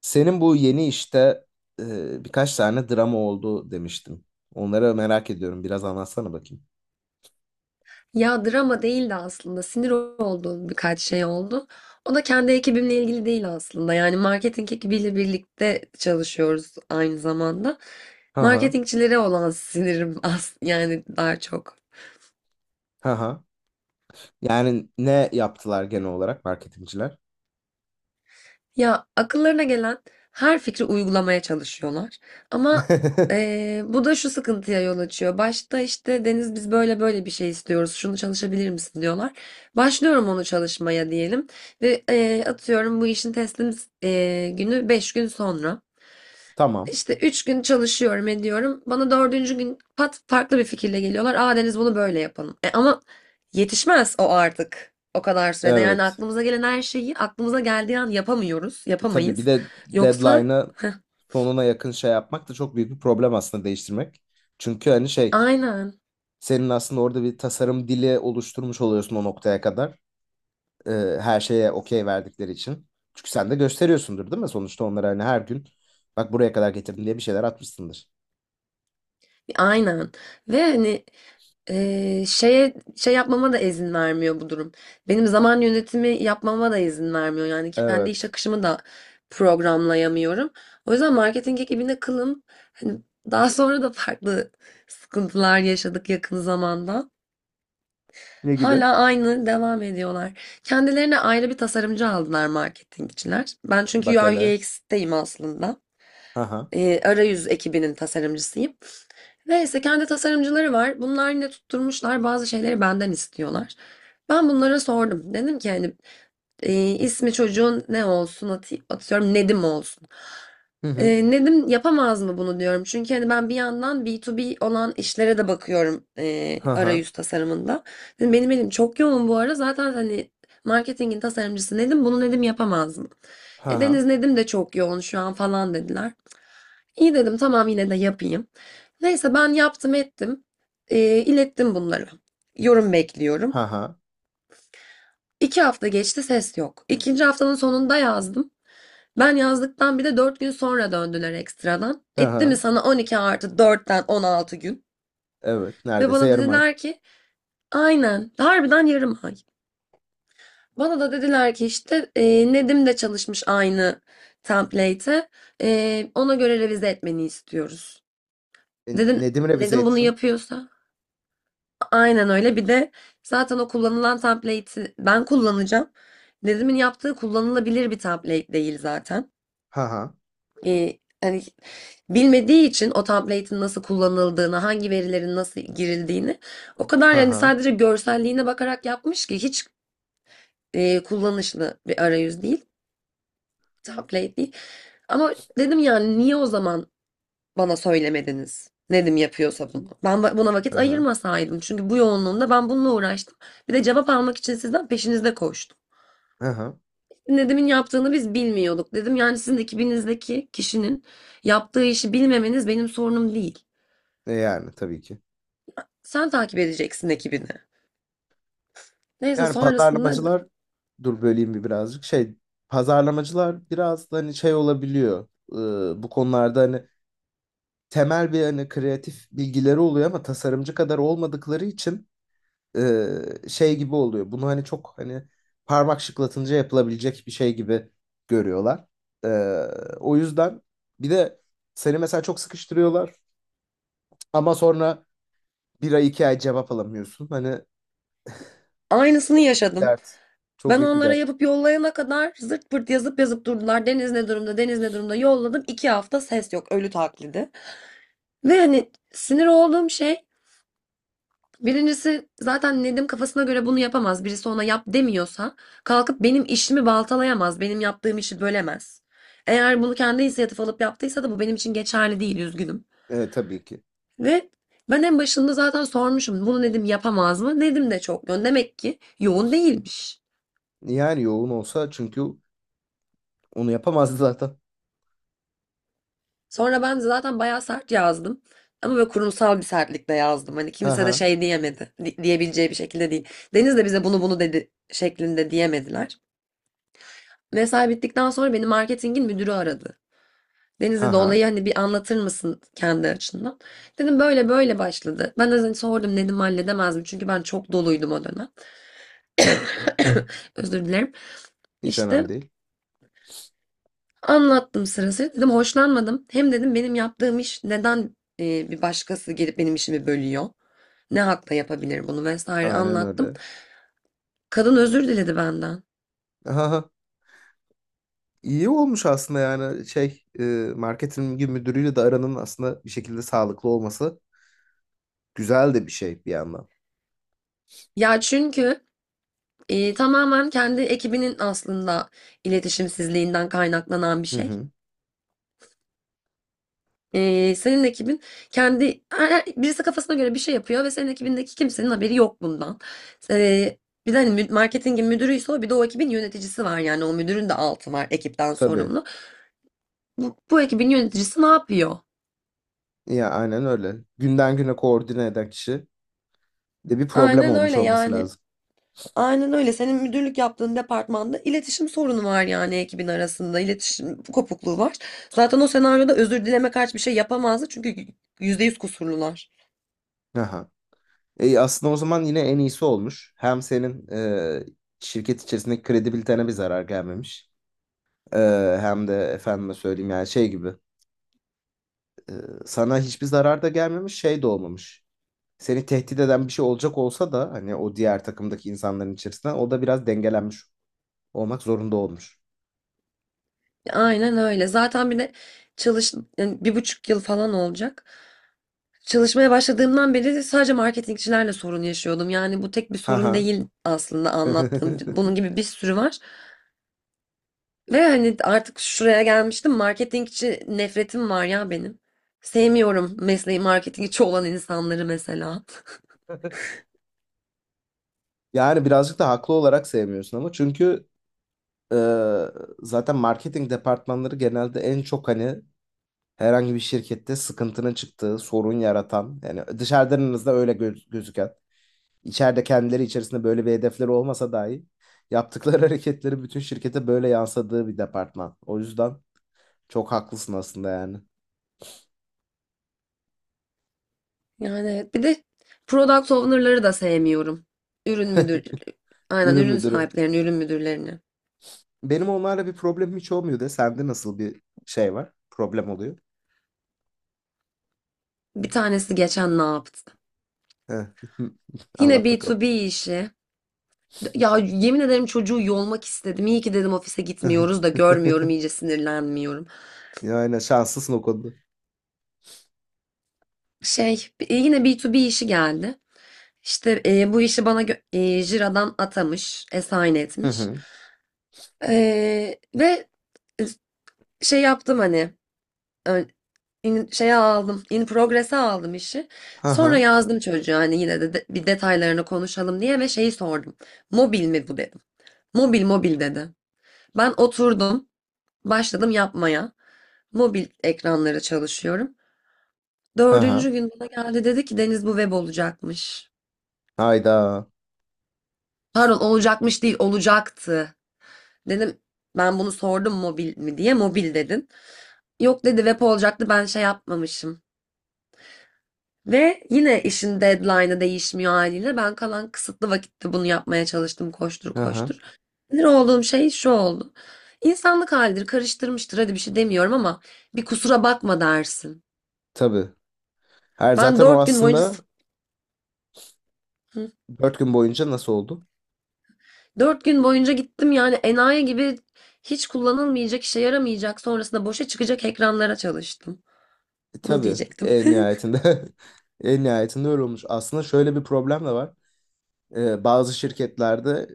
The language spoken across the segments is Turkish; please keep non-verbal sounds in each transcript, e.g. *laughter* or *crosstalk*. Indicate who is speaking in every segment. Speaker 1: Senin bu yeni işte birkaç tane drama oldu demiştin. Onları merak ediyorum. Biraz anlatsana bakayım.
Speaker 2: Ya drama değildi aslında. Sinir olduğum birkaç şey oldu. O da kendi ekibimle ilgili değil aslında. Yani marketing ekibiyle birlikte çalışıyoruz aynı zamanda.
Speaker 1: Ha ha.
Speaker 2: Marketingçilere olan *laughs* sinirim as yani daha çok.
Speaker 1: Ha ha. Yani ne yaptılar genel olarak marketingciler?
Speaker 2: Ya akıllarına gelen her fikri uygulamaya çalışıyorlar. Ama
Speaker 1: *laughs*
Speaker 2: bu da şu sıkıntıya yol açıyor. Başta işte Deniz biz böyle böyle bir şey istiyoruz. Şunu çalışabilir misin diyorlar. Başlıyorum onu çalışmaya diyelim. Ve atıyorum bu işin teslim günü 5 gün sonra.
Speaker 1: Tamam.
Speaker 2: İşte 3 gün çalışıyorum ediyorum. Bana dördüncü gün pat farklı bir fikirle geliyorlar. Aa Deniz bunu böyle yapalım. E, ama yetişmez o artık. O kadar sürede. Yani
Speaker 1: Evet.
Speaker 2: aklımıza gelen her şeyi aklımıza geldiği an yapamıyoruz.
Speaker 1: Tabii bir
Speaker 2: Yapamayız.
Speaker 1: de
Speaker 2: Yoksa
Speaker 1: deadline'a sonuna yakın şey yapmak da çok büyük bir problem aslında, değiştirmek. Çünkü hani şey,
Speaker 2: aynen.
Speaker 1: senin aslında orada bir tasarım dili oluşturmuş oluyorsun o noktaya kadar. Ee, her şeye okey verdikleri için. Çünkü sen de gösteriyorsundur değil mi? Sonuçta onlara hani her gün bak buraya kadar getirdim diye bir şeyler atmışsındır.
Speaker 2: Aynen. Ve hani şey yapmama da izin vermiyor bu durum. Benim zaman yönetimi yapmama da izin vermiyor. Yani kendi iş
Speaker 1: Evet.
Speaker 2: akışımı da programlayamıyorum. O yüzden marketing ekibine kılım. Hani daha sonra da farklı sıkıntılar yaşadık yakın zamanda.
Speaker 1: Ne gibi?
Speaker 2: Hala aynı devam ediyorlar. Kendilerine ayrı bir tasarımcı aldılar marketingçiler. Ben çünkü
Speaker 1: Bak
Speaker 2: UI
Speaker 1: hele.
Speaker 2: UX'teyim aslında.
Speaker 1: Ha ha.
Speaker 2: Arayüz ekibinin tasarımcısıyım. Neyse kendi tasarımcıları var. Bunlar yine tutturmuşlar bazı şeyleri benden istiyorlar. Ben bunlara sordum. Dedim ki hani ismi çocuğun ne olsun atıyorum Nedim olsun.
Speaker 1: Hı hı.
Speaker 2: E, Nedim yapamaz mı bunu diyorum. Çünkü hani ben bir yandan B2B olan işlere de bakıyorum,
Speaker 1: Ha ha.
Speaker 2: arayüz tasarımında. Dedim, benim elim çok yoğun bu ara. Zaten hani marketingin tasarımcısı Nedim bunu Nedim yapamaz mı?
Speaker 1: Ha
Speaker 2: E,
Speaker 1: ha.
Speaker 2: Deniz Nedim de çok yoğun şu an falan dediler. İyi dedim tamam yine de yapayım. Neyse ben yaptım ettim. İlettim bunları. Yorum bekliyorum.
Speaker 1: Ha ha.
Speaker 2: İki hafta geçti ses yok. İkinci haftanın sonunda yazdım. Ben yazdıktan bir de 4 gün sonra döndüler ekstradan.
Speaker 1: Ha
Speaker 2: Etti mi
Speaker 1: ha.
Speaker 2: sana 12 artı 4'ten 16 gün?
Speaker 1: Evet.
Speaker 2: Ve
Speaker 1: Neredeyse
Speaker 2: bana
Speaker 1: yarım ay.
Speaker 2: dediler ki aynen harbiden yarım ay. Bana da dediler ki işte Nedim de çalışmış aynı template'e. E, ona göre revize etmeni istiyoruz. Dedim
Speaker 1: Nedim revize
Speaker 2: Nedim bunu
Speaker 1: etsin.
Speaker 2: yapıyorsa? Aynen öyle. Bir de zaten o kullanılan template'i ben kullanacağım. Nedim'in yaptığı kullanılabilir bir template değil zaten.
Speaker 1: Ha ha.
Speaker 2: Hani bilmediği için o template'in nasıl kullanıldığını, hangi verilerin nasıl girildiğini o kadar
Speaker 1: Ha
Speaker 2: yani
Speaker 1: ha.
Speaker 2: sadece görselliğine bakarak yapmış ki hiç kullanışlı bir arayüz değil, template değil. Ama dedim yani niye o zaman bana söylemediniz. Nedim yapıyorsa bunu. Ben buna vakit
Speaker 1: Ha ha.
Speaker 2: ayırmasaydım. Çünkü bu yoğunluğumda ben bununla uğraştım. Bir de cevap almak için sizden peşinizde koştum.
Speaker 1: Ha ha.
Speaker 2: Nedim'in yaptığını biz bilmiyorduk dedim. Yani sizin ekibinizdeki kişinin yaptığı işi bilmemeniz benim sorunum değil.
Speaker 1: Yani tabii ki.
Speaker 2: Sen takip edeceksin ekibini. Neyse
Speaker 1: Yani
Speaker 2: sonrasında
Speaker 1: pazarlamacılar, dur böleyim bir birazcık şey, pazarlamacılar biraz da hani şey olabiliyor. Bu konularda hani temel bir hani kreatif bilgileri oluyor ama tasarımcı kadar olmadıkları için e, şey gibi oluyor. Bunu hani çok hani parmak şıklatınca yapılabilecek bir şey gibi görüyorlar. Ee, o yüzden bir de seni mesela çok sıkıştırıyorlar ama sonra bir ay iki ay cevap alamıyorsun. Hani
Speaker 2: aynısını yaşadım.
Speaker 1: dert, çok
Speaker 2: Ben
Speaker 1: büyük bir
Speaker 2: onlara
Speaker 1: dert.
Speaker 2: yapıp yollayana kadar zırt pırt yazıp yazıp durdular. Deniz ne durumda, Deniz ne durumda yolladım. 2 hafta ses yok, ölü taklidi. Ve hani sinir olduğum şey. Birincisi zaten Nedim kafasına göre bunu yapamaz. Birisi ona yap demiyorsa kalkıp benim işimi baltalayamaz. Benim yaptığım işi bölemez. Eğer bunu kendi inisiyatif alıp yaptıysa da bu benim için geçerli değil, üzgünüm.
Speaker 1: Evet, tabii ki.
Speaker 2: Ve ben en başında zaten sormuşum bunu Nedim yapamaz mı? Nedim de çok yoğun. Demek ki yoğun değilmiş.
Speaker 1: Yani yoğun olsa çünkü onu yapamazdı *laughs* zaten.
Speaker 2: Sonra ben zaten bayağı sert yazdım. Ama böyle kurumsal bir sertlikle yazdım. Hani
Speaker 1: Ha
Speaker 2: kimse de
Speaker 1: ha.
Speaker 2: şey diyemedi. Diyebileceği bir şekilde değil. Deniz de bize bunu bunu dedi şeklinde diyemediler. Mesai bittikten sonra beni marketingin müdürü aradı. Deniz
Speaker 1: Ha
Speaker 2: dedi
Speaker 1: ha.
Speaker 2: olayı hani bir anlatır mısın kendi açından? Dedim böyle böyle başladı. Ben de hani sordum dedim halledemez mi? Çünkü ben çok doluydum o dönem. *coughs* *laughs* Özür dilerim.
Speaker 1: Hiç
Speaker 2: İşte
Speaker 1: önemli değil.
Speaker 2: anlattım sırası. Dedim hoşlanmadım. Hem dedim benim yaptığım iş neden, bir başkası gelip benim işimi bölüyor? Ne hakla yapabilir bunu vesaire
Speaker 1: Aynen
Speaker 2: anlattım.
Speaker 1: öyle.
Speaker 2: Kadın özür diledi benden.
Speaker 1: Ha ha. İyi olmuş aslında, yani şey, marketing müdürüyle de aranın aslında bir şekilde sağlıklı olması güzel de bir şey bir yandan.
Speaker 2: Ya çünkü tamamen kendi ekibinin aslında iletişimsizliğinden kaynaklanan bir
Speaker 1: Hı
Speaker 2: şey.
Speaker 1: hı.
Speaker 2: Senin ekibin kendi birisi kafasına göre bir şey yapıyor ve senin ekibindeki kimsenin haberi yok bundan. Ee, Bir de hani marketingin müdürüyse o bir de o ekibin yöneticisi var yani o müdürün de altı var ekipten
Speaker 1: Tabii.
Speaker 2: sorumlu. Bu ekibin yöneticisi ne yapıyor?
Speaker 1: Ya aynen öyle. Günden güne koordine eden kişi de bir problem
Speaker 2: Aynen
Speaker 1: olmuş
Speaker 2: öyle
Speaker 1: olması
Speaker 2: yani.
Speaker 1: lazım.
Speaker 2: Aynen öyle. Senin müdürlük yaptığın departmanda iletişim sorunu var yani ekibin arasında. İletişim kopukluğu var. Zaten o senaryoda özür dileme karşı bir şey yapamazdı çünkü %100 kusurlular.
Speaker 1: Aha. Aslında o zaman yine en iyisi olmuş. Hem senin şirket içerisindeki kredibilitene bir zarar gelmemiş. Hem de efendime söyleyeyim yani şey gibi, e, sana hiçbir zarar da gelmemiş, şey de olmamış. Seni tehdit eden bir şey olacak olsa da hani, o diğer takımdaki insanların içerisinden o da biraz dengelenmiş olmak zorunda olmuş.
Speaker 2: Aynen öyle. Zaten bir de yani 1,5 yıl falan olacak. Çalışmaya başladığımdan beri de sadece marketingçilerle sorun yaşıyordum. Yani bu tek bir sorun
Speaker 1: Ha.
Speaker 2: değil aslında anlattığım. Bunun
Speaker 1: *laughs*
Speaker 2: gibi bir sürü var. Ve hani artık şuraya gelmiştim. Marketingçi nefretim var ya benim. Sevmiyorum mesleği marketingçi olan insanları mesela.
Speaker 1: Yani birazcık da haklı olarak sevmiyorsun ama, çünkü e, zaten marketing departmanları genelde en çok hani herhangi bir şirkette sıkıntının çıktığı, sorun yaratan, yani dışarıdan en azından öyle gözüken. İçeride kendileri içerisinde böyle bir hedefleri olmasa dahi yaptıkları *laughs* hareketleri bütün şirkete böyle yansıdığı bir departman. O yüzden çok haklısın aslında yani.
Speaker 2: Yani evet. Bir de product owner'ları da sevmiyorum. Ürün müdür, aynen
Speaker 1: Ürün
Speaker 2: ürün
Speaker 1: müdürü.
Speaker 2: sahiplerini, ürün müdürlerini.
Speaker 1: Benim onlarla bir problemim hiç olmuyor de. Sende nasıl bir şey var? Problem oluyor.
Speaker 2: Bir tanesi geçen ne yaptı?
Speaker 1: Heh. *laughs*
Speaker 2: Yine b
Speaker 1: Anlat
Speaker 2: to
Speaker 1: bakalım.
Speaker 2: b işi. Ya yemin ederim çocuğu yolmak istedim. İyi ki dedim ofise gitmiyoruz da görmüyorum
Speaker 1: *laughs*
Speaker 2: iyice sinirlenmiyorum.
Speaker 1: Yani şanslısın o konuda.
Speaker 2: Şey, yine b to b işi geldi. İşte bu işi bana Jira'dan atamış, assign
Speaker 1: Hı
Speaker 2: etmiş.
Speaker 1: hı.
Speaker 2: Ve e, şey yaptım hani e, şeye aldım, in progress'e aldım işi.
Speaker 1: Hı
Speaker 2: Sonra
Speaker 1: hı.
Speaker 2: yazdım çocuğa hani yine de bir detaylarını konuşalım diye ve şeyi sordum. Mobil mi bu dedim. Mobil mobil dedi. Ben oturdum. Başladım yapmaya. Mobil ekranlara çalışıyorum.
Speaker 1: Hı
Speaker 2: Dördüncü
Speaker 1: hı.
Speaker 2: gün bana geldi dedi ki Deniz bu web olacakmış.
Speaker 1: Hayda.
Speaker 2: Pardon olacakmış değil olacaktı. Dedim ben bunu sordum mobil mi diye mobil dedin. Yok dedi web olacaktı ben şey yapmamışım. Ve yine işin deadline'ı değişmiyor haliyle. Ben kalan kısıtlı vakitte bunu yapmaya çalıştım koştur
Speaker 1: Hı hı.
Speaker 2: koştur. Sinir olduğum şey şu oldu. İnsanlık halidir karıştırmıştır hadi bir şey demiyorum ama bir kusura bakma dersin.
Speaker 1: Tabii. Her
Speaker 2: Ben
Speaker 1: zaten o
Speaker 2: 4 gün boyunca
Speaker 1: aslında
Speaker 2: hı?
Speaker 1: dört gün boyunca nasıl oldu?
Speaker 2: 4 gün boyunca gittim yani enayi gibi hiç kullanılmayacak, işe yaramayacak, sonrasında boşa çıkacak ekranlara çalıştım. Bunu
Speaker 1: Tabii,
Speaker 2: diyecektim.
Speaker 1: en
Speaker 2: *laughs*
Speaker 1: nihayetinde. *laughs* En nihayetinde öyle olmuş. Aslında şöyle bir problem de var. Bazı şirketlerde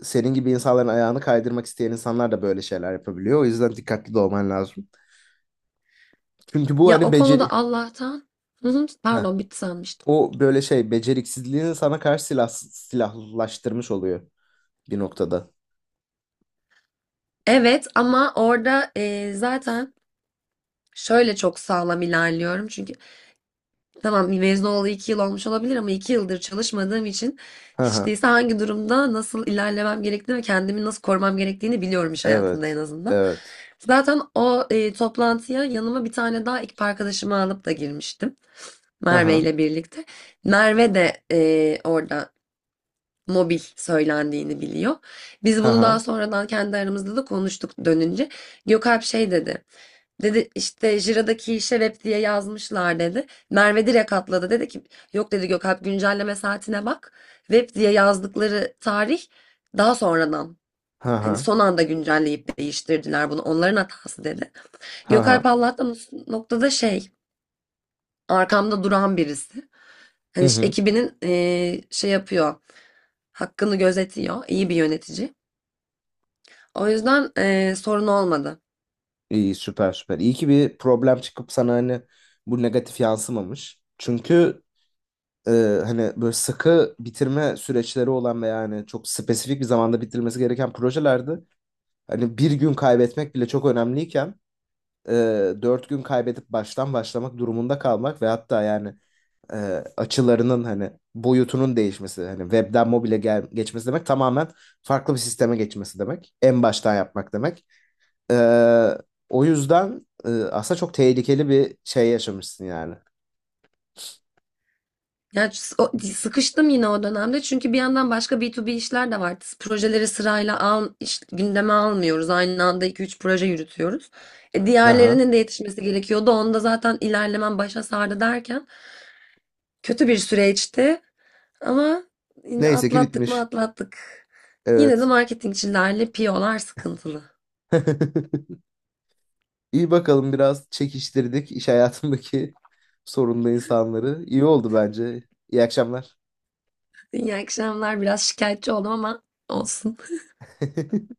Speaker 1: senin gibi insanların ayağını kaydırmak isteyen insanlar da böyle şeyler yapabiliyor. O yüzden dikkatli de olman lazım. Çünkü bu
Speaker 2: Ya
Speaker 1: hani
Speaker 2: o
Speaker 1: beceri.
Speaker 2: konuda Allah'tan. Hı hı,
Speaker 1: Heh.
Speaker 2: pardon bitti sanmıştım.
Speaker 1: O böyle şey, beceriksizliğini sana karşı silahlaştırmış oluyor bir noktada.
Speaker 2: Evet ama orada zaten şöyle çok sağlam ilerliyorum. Çünkü tamam mezun olalı 2 yıl olmuş olabilir ama 2 yıldır çalışmadığım için
Speaker 1: Hı
Speaker 2: hiç
Speaker 1: hı.
Speaker 2: değilse hangi durumda nasıl ilerlemem gerektiğini ve kendimi nasıl korumam gerektiğini biliyorum iş hayatında en
Speaker 1: Evet.
Speaker 2: azından.
Speaker 1: Evet.
Speaker 2: Zaten o toplantıya yanıma bir tane daha ekip arkadaşımı alıp da girmiştim.
Speaker 1: Hı
Speaker 2: Merve
Speaker 1: hı.
Speaker 2: ile birlikte. Merve de orada mobil söylendiğini biliyor. Biz
Speaker 1: Hı
Speaker 2: bunu
Speaker 1: hı.
Speaker 2: daha sonradan kendi aramızda da konuştuk dönünce. Gökalp şey dedi. Dedi işte Jira'daki işe web diye yazmışlar dedi. Merve direkt atladı dedi ki yok dedi Gökalp güncelleme saatine bak. Web diye yazdıkları tarih daha sonradan
Speaker 1: Hı
Speaker 2: hani
Speaker 1: hı.
Speaker 2: son anda güncelleyip değiştirdiler bunu onların hatası dedi.
Speaker 1: Hı
Speaker 2: Gökalp
Speaker 1: hı.
Speaker 2: Allah'tan o noktada şey arkamda duran birisi.
Speaker 1: Hı
Speaker 2: Hani işte
Speaker 1: hı.
Speaker 2: ekibinin şey yapıyor hakkını gözetiyor iyi bir yönetici. O yüzden sorun olmadı.
Speaker 1: İyi, süper süper. İyi ki bir problem çıkıp sana hani bu negatif yansımamış. Çünkü e, hani böyle sıkı bitirme süreçleri olan ve yani çok spesifik bir zamanda bitirmesi gereken projelerde hani bir gün kaybetmek bile çok önemliyken e, dört gün kaybedip baştan başlamak durumunda kalmak ve hatta yani e, açılarının hani boyutunun değişmesi, hani webden mobile geçmesi demek, tamamen farklı bir sisteme geçmesi demek. En baştan yapmak demek. Ee, o yüzden aslında çok tehlikeli bir şey yaşamışsın yani.
Speaker 2: Ya sıkıştım yine o dönemde çünkü bir yandan başka B2B işler de vardı. Projeleri sırayla al, gündeme almıyoruz. Aynı anda iki üç proje yürütüyoruz. E,
Speaker 1: Aha.
Speaker 2: diğerlerinin de yetişmesi gerekiyordu. Onda zaten ilerlemem başa sardı derken kötü bir süreçti ama yine
Speaker 1: Neyse ki
Speaker 2: atlattık mı
Speaker 1: bitmiş.
Speaker 2: atlattık. Yine de
Speaker 1: Evet.
Speaker 2: marketingçilerle piyolar sıkıntılı.
Speaker 1: *laughs* İyi bakalım, biraz çekiştirdik iş hayatındaki *laughs* sorunlu insanları. İyi oldu bence. İyi akşamlar.
Speaker 2: *laughs* İyi akşamlar. Biraz şikayetçi oldum ama olsun.
Speaker 1: *laughs*